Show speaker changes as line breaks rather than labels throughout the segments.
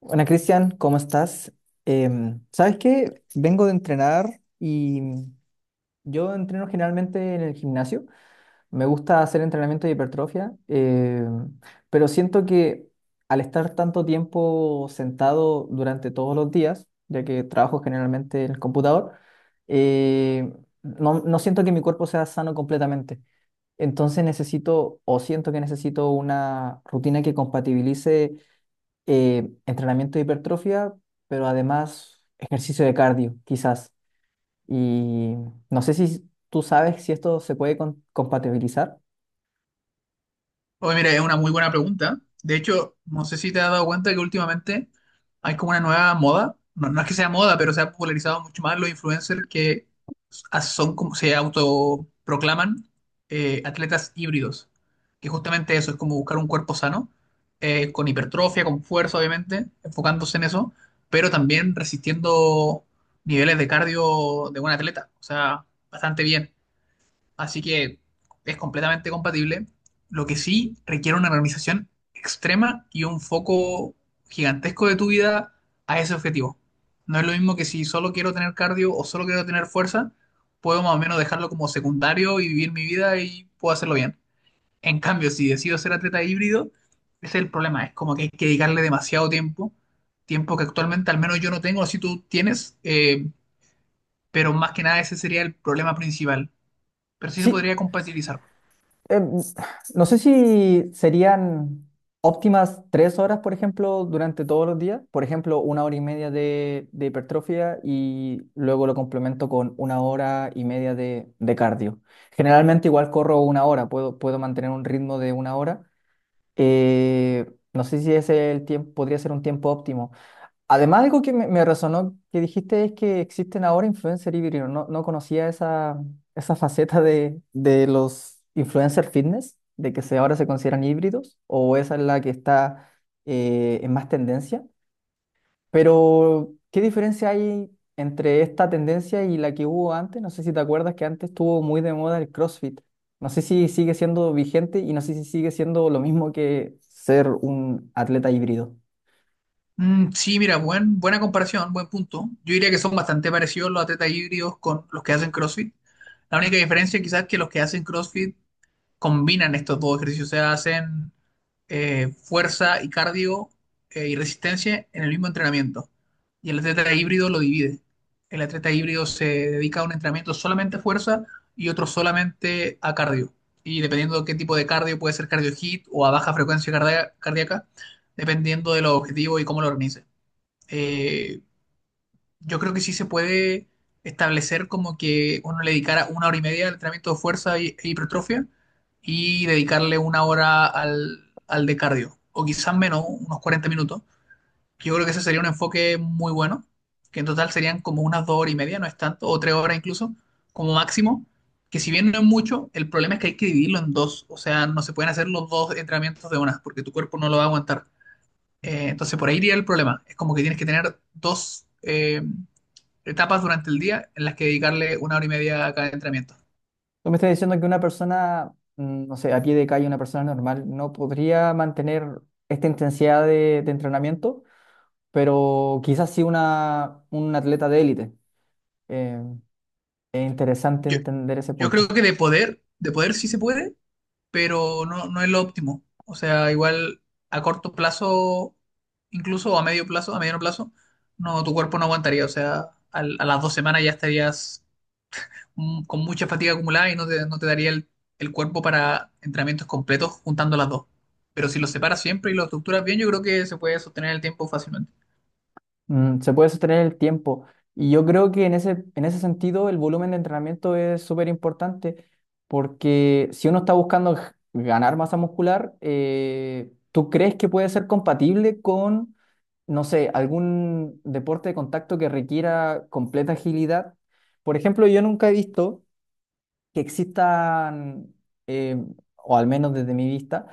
Hola Cristian, ¿cómo estás? ¿Sabes qué? Vengo de entrenar y yo entreno generalmente en el gimnasio. Me gusta hacer entrenamiento de hipertrofia, pero siento que al estar tanto tiempo sentado durante todos los días, ya que trabajo generalmente en el computador, eh, no siento que mi cuerpo sea sano completamente. Entonces necesito o siento que necesito una rutina que compatibilice entrenamiento de hipertrofia, pero además ejercicio de cardio, quizás. Y no sé si tú sabes si esto se puede compatibilizar.
Oye, mira, es una muy buena pregunta. De hecho, no sé si te has dado cuenta que últimamente hay como una nueva moda. No, no es que sea moda, pero se ha popularizado mucho más los influencers que son como se autoproclaman atletas híbridos. Que justamente eso es como buscar un cuerpo sano, con hipertrofia, con fuerza, obviamente, enfocándose en eso, pero también resistiendo niveles de cardio de un atleta. O sea, bastante bien. Así que es completamente compatible. Lo que sí requiere una organización extrema y un foco gigantesco de tu vida a ese objetivo. No es lo mismo que si solo quiero tener cardio o solo quiero tener fuerza, puedo más o menos dejarlo como secundario y vivir mi vida y puedo hacerlo bien. En cambio, si decido ser atleta híbrido, ese es el problema. Es como que hay que dedicarle demasiado tiempo, tiempo que actualmente al menos yo no tengo, si tú tienes, pero más que nada ese sería el problema principal. Pero sí se
Sí,
podría compatibilizar.
em, no sé si serían óptimas 3 horas, por ejemplo, durante todos los días. Por ejemplo, una hora y media de hipertrofia y luego lo complemento con una hora y media de cardio. Generalmente igual corro una hora, puedo mantener un ritmo de una hora. Eh, no sé si ese es el tiempo, podría ser un tiempo óptimo. Además, algo que me resonó que dijiste es que existen ahora influencers híbridos. No, no conocía esa faceta de los influencers fitness, de que ahora se consideran híbridos, o esa es la que está en más tendencia. Pero, ¿qué diferencia hay entre esta tendencia y la que hubo antes? No sé si te acuerdas que antes estuvo muy de moda el CrossFit. No sé si sigue siendo vigente y no sé si sigue siendo lo mismo que ser un atleta híbrido.
Mm, sí, mira, buena comparación, buen punto. Yo diría que son bastante parecidos los atletas híbridos con los que hacen CrossFit. La única diferencia quizás es que los que hacen CrossFit combinan estos dos ejercicios, o sea, hacen fuerza y cardio y resistencia en el mismo entrenamiento. Y el atleta híbrido lo divide. El atleta híbrido se dedica a un entrenamiento solamente a fuerza y otro solamente a cardio. Y dependiendo de qué tipo de cardio, puede ser cardio hit o a baja frecuencia cardíaca, dependiendo de los objetivos y cómo lo organice. Eh, yo creo que sí se puede establecer como que uno le dedicara una hora y media al entrenamiento de fuerza e hipertrofia y dedicarle una hora al, al de cardio, o quizás menos, unos 40 minutos. Yo creo que ese sería un enfoque muy bueno, que en total serían como unas dos horas y media, no es tanto, o tres horas incluso, como máximo, que si bien no es mucho, el problema es que hay que dividirlo en dos, o sea, no se pueden hacer los dos entrenamientos de una, porque tu cuerpo no lo va a aguantar. Entonces por ahí iría el problema, es como que tienes que tener dos... etapas durante el día en las que dedicarle una hora y media a cada entrenamiento.
Tú me estás diciendo que una persona, no sé, a pie de calle, una persona normal, no podría mantener esta intensidad de entrenamiento, pero quizás sí un atleta de élite. Eh, es interesante
Yo,
entender ese
yo creo
punto.
que de poder sí se puede, pero no, no es lo óptimo. O sea, igual a corto plazo, incluso a medio plazo, a mediano plazo, no, tu cuerpo no aguantaría. O sea, a las 2 semanas ya estarías con mucha fatiga acumulada y no te, no te daría el cuerpo para entrenamientos completos juntando las dos. Pero si los separas siempre y los estructuras bien, yo creo que se puede sostener el tiempo fácilmente.
Se puede sostener el tiempo. Y yo creo que en ese sentido el volumen de entrenamiento es súper importante porque si uno está buscando ganar masa muscular, ¿tú crees que puede ser compatible con, no sé, algún deporte de contacto que requiera completa agilidad? Por ejemplo, yo nunca he visto que existan, eh, o al menos desde mi vista,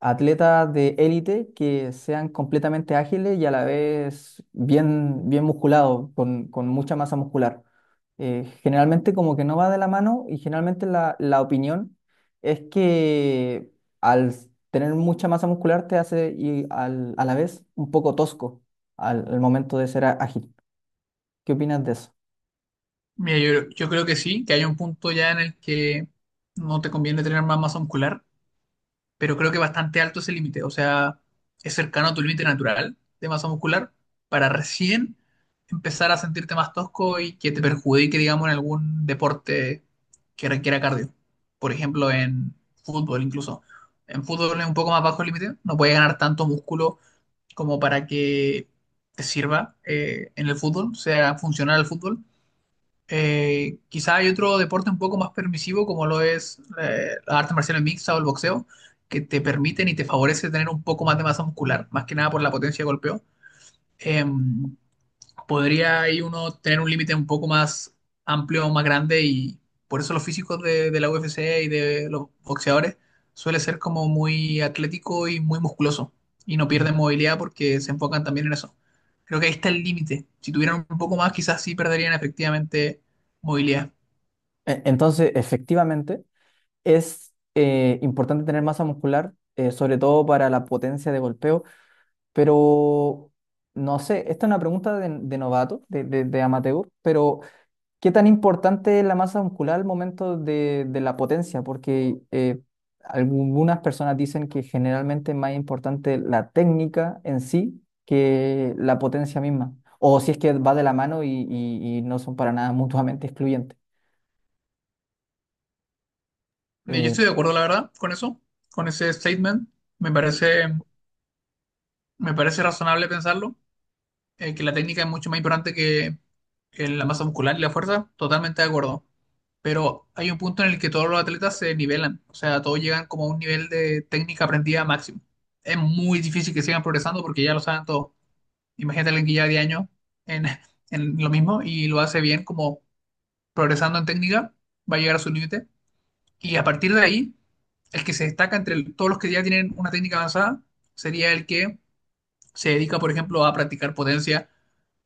atletas de élite que sean completamente ágiles y a la vez bien, bien musculados, con mucha masa muscular. Generalmente como que no va de la mano y generalmente la opinión es que tener mucha masa muscular te hace y a la vez un poco tosco al momento de ser ágil. ¿Qué opinas de eso?
Mira, yo creo que sí, que hay un punto ya en el que no te conviene tener más masa muscular, pero creo que bastante alto es el límite, o sea, es cercano a tu límite natural de masa muscular para recién empezar a sentirte más tosco y que te perjudique, digamos, en algún deporte que requiera cardio. Por ejemplo, en fútbol incluso. En fútbol es un poco más bajo el límite, no puedes ganar tanto músculo como para que te sirva en el fútbol, sea funcional el fútbol quizá hay otro deporte un poco más permisivo como lo es la arte marcial mixta o el boxeo, que te permiten y te favorece tener un poco más de masa muscular, más que nada por la potencia de golpeo. Em, podría ahí uno tener un límite un poco más amplio, más grande y por eso los físicos de la UFC y de los boxeadores suele ser como muy atlético y muy musculoso y no
Mm.
pierden movilidad porque se enfocan también en eso. Creo que ahí está el límite. Si tuvieran un poco más, quizás sí perderían efectivamente movilidad.
Entonces, efectivamente, es importante tener masa muscular, sobre todo para la potencia de golpeo, pero no sé, esta es una pregunta de novato, de amateur, pero ¿qué tan importante es la masa muscular al momento de la potencia? Porque algunas personas dicen que generalmente es más importante la técnica en sí que la potencia misma, o si es que va de la mano y no son para nada mutuamente excluyentes.
Yo
Eh,
estoy de acuerdo, la verdad, con eso, con ese statement. Me parece, me parece razonable pensarlo. Que la técnica es mucho más importante que la masa muscular y la fuerza, totalmente de acuerdo. Pero hay un punto en el que todos los atletas se nivelan, o sea, todos llegan como a un nivel de técnica aprendida máximo. Es muy difícil que sigan progresando porque ya lo saben todos. Imagínate a alguien que lleva 10 años en, en lo mismo y lo hace bien, como progresando en técnica, va a llegar a su límite. Y a partir de ahí, el que se destaca entre todos los que ya tienen una técnica avanzada sería el que se dedica, por ejemplo, a practicar potencia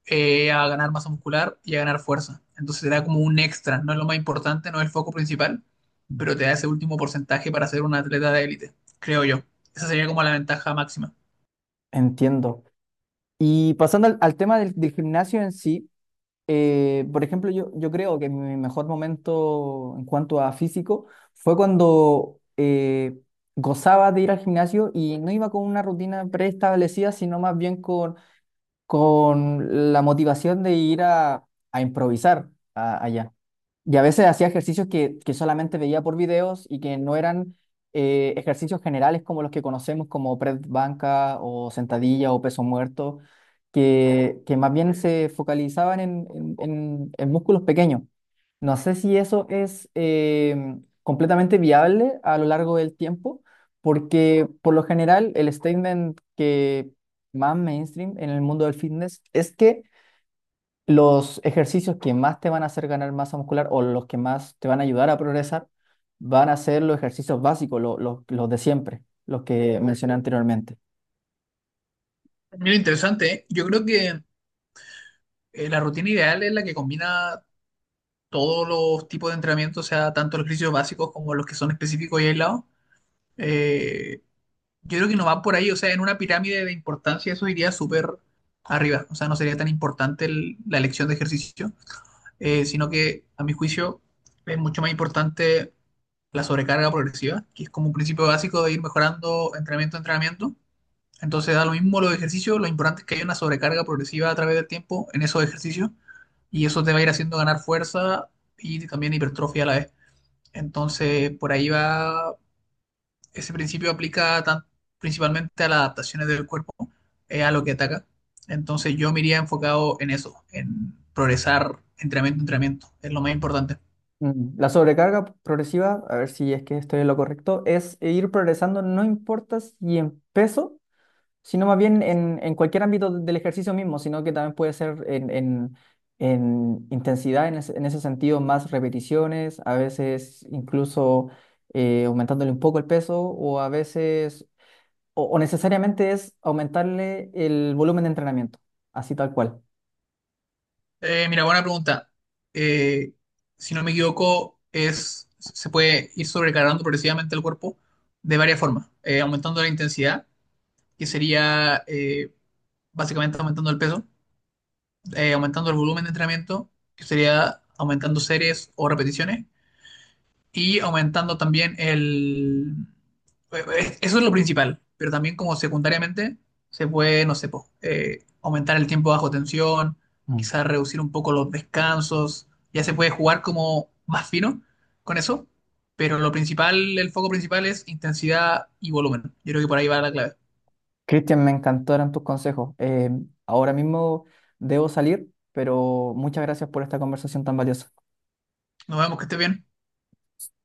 a ganar masa muscular y a ganar fuerza. Entonces te da como un extra, no es lo más importante, no es el foco principal, pero te da ese último porcentaje para ser un atleta de élite, creo yo. Esa sería como la ventaja máxima.
Entiendo. Y pasando al tema del gimnasio en sí, por ejemplo, yo creo que mi mejor momento en cuanto a físico fue cuando gozaba de ir al gimnasio y no iba con una rutina preestablecida, sino más bien con la motivación de ir a improvisar allá. Y a veces hacía ejercicios que solamente veía por videos y que no eran ejercicios generales como los que conocemos, como press banca o sentadilla o peso muerto, que más bien se focalizaban en músculos pequeños. No sé si eso es completamente viable a lo largo del tiempo, porque por lo general el statement que más mainstream en el mundo del fitness es que los ejercicios que más te van a hacer ganar masa muscular o los que más te van a ayudar a progresar van a ser los ejercicios básicos, los de siempre, los que mencioné anteriormente.
Mira, interesante, ¿eh? Yo creo que la rutina ideal es la que combina todos los tipos de entrenamiento, o sea, tanto los ejercicios básicos como los que son específicos y aislados. Eh, yo creo que no va por ahí, o sea, en una pirámide de importancia eso iría súper arriba, o sea, no sería tan importante la elección de ejercicio sino que a mi juicio es mucho más importante la sobrecarga progresiva, que es como un principio básico de ir mejorando entrenamiento a entrenamiento. Entonces da lo mismo los ejercicios, lo importante es que haya una sobrecarga progresiva a través del tiempo en esos ejercicios y eso te va a ir haciendo ganar fuerza y también hipertrofia a la vez. Entonces por ahí va ese principio aplica principalmente a las adaptaciones del cuerpo, a lo que ataca. Entonces yo me iría enfocado en eso, en progresar entrenamiento, entrenamiento. Es lo más importante.
La sobrecarga progresiva, a ver si es que estoy en lo correcto, es ir progresando, no importa si en peso sino más bien en cualquier ámbito del ejercicio mismo, sino que también puede ser en intensidad, en ese sentido, más repeticiones, a veces incluso aumentándole un poco el peso o a veces, o necesariamente es aumentarle el volumen de entrenamiento, así tal cual.
Mira, buena pregunta. Eh, si no me equivoco, se puede ir sobrecargando progresivamente el cuerpo de varias formas. Aumentando la intensidad, que sería básicamente aumentando el peso, aumentando el volumen de entrenamiento, que sería aumentando series o repeticiones, y aumentando también el... Eso es lo principal, pero también como secundariamente se puede, no sé, po, aumentar el tiempo bajo tensión,
Mm.
quizás reducir un poco los descansos, ya se puede jugar como más fino con eso, pero lo principal, el foco principal es intensidad y volumen. Yo creo que por ahí va la clave.
Cristian, me encantaron tus consejos. Ahora mismo debo salir, pero muchas gracias por esta conversación tan valiosa.
Nos vemos, que esté bien.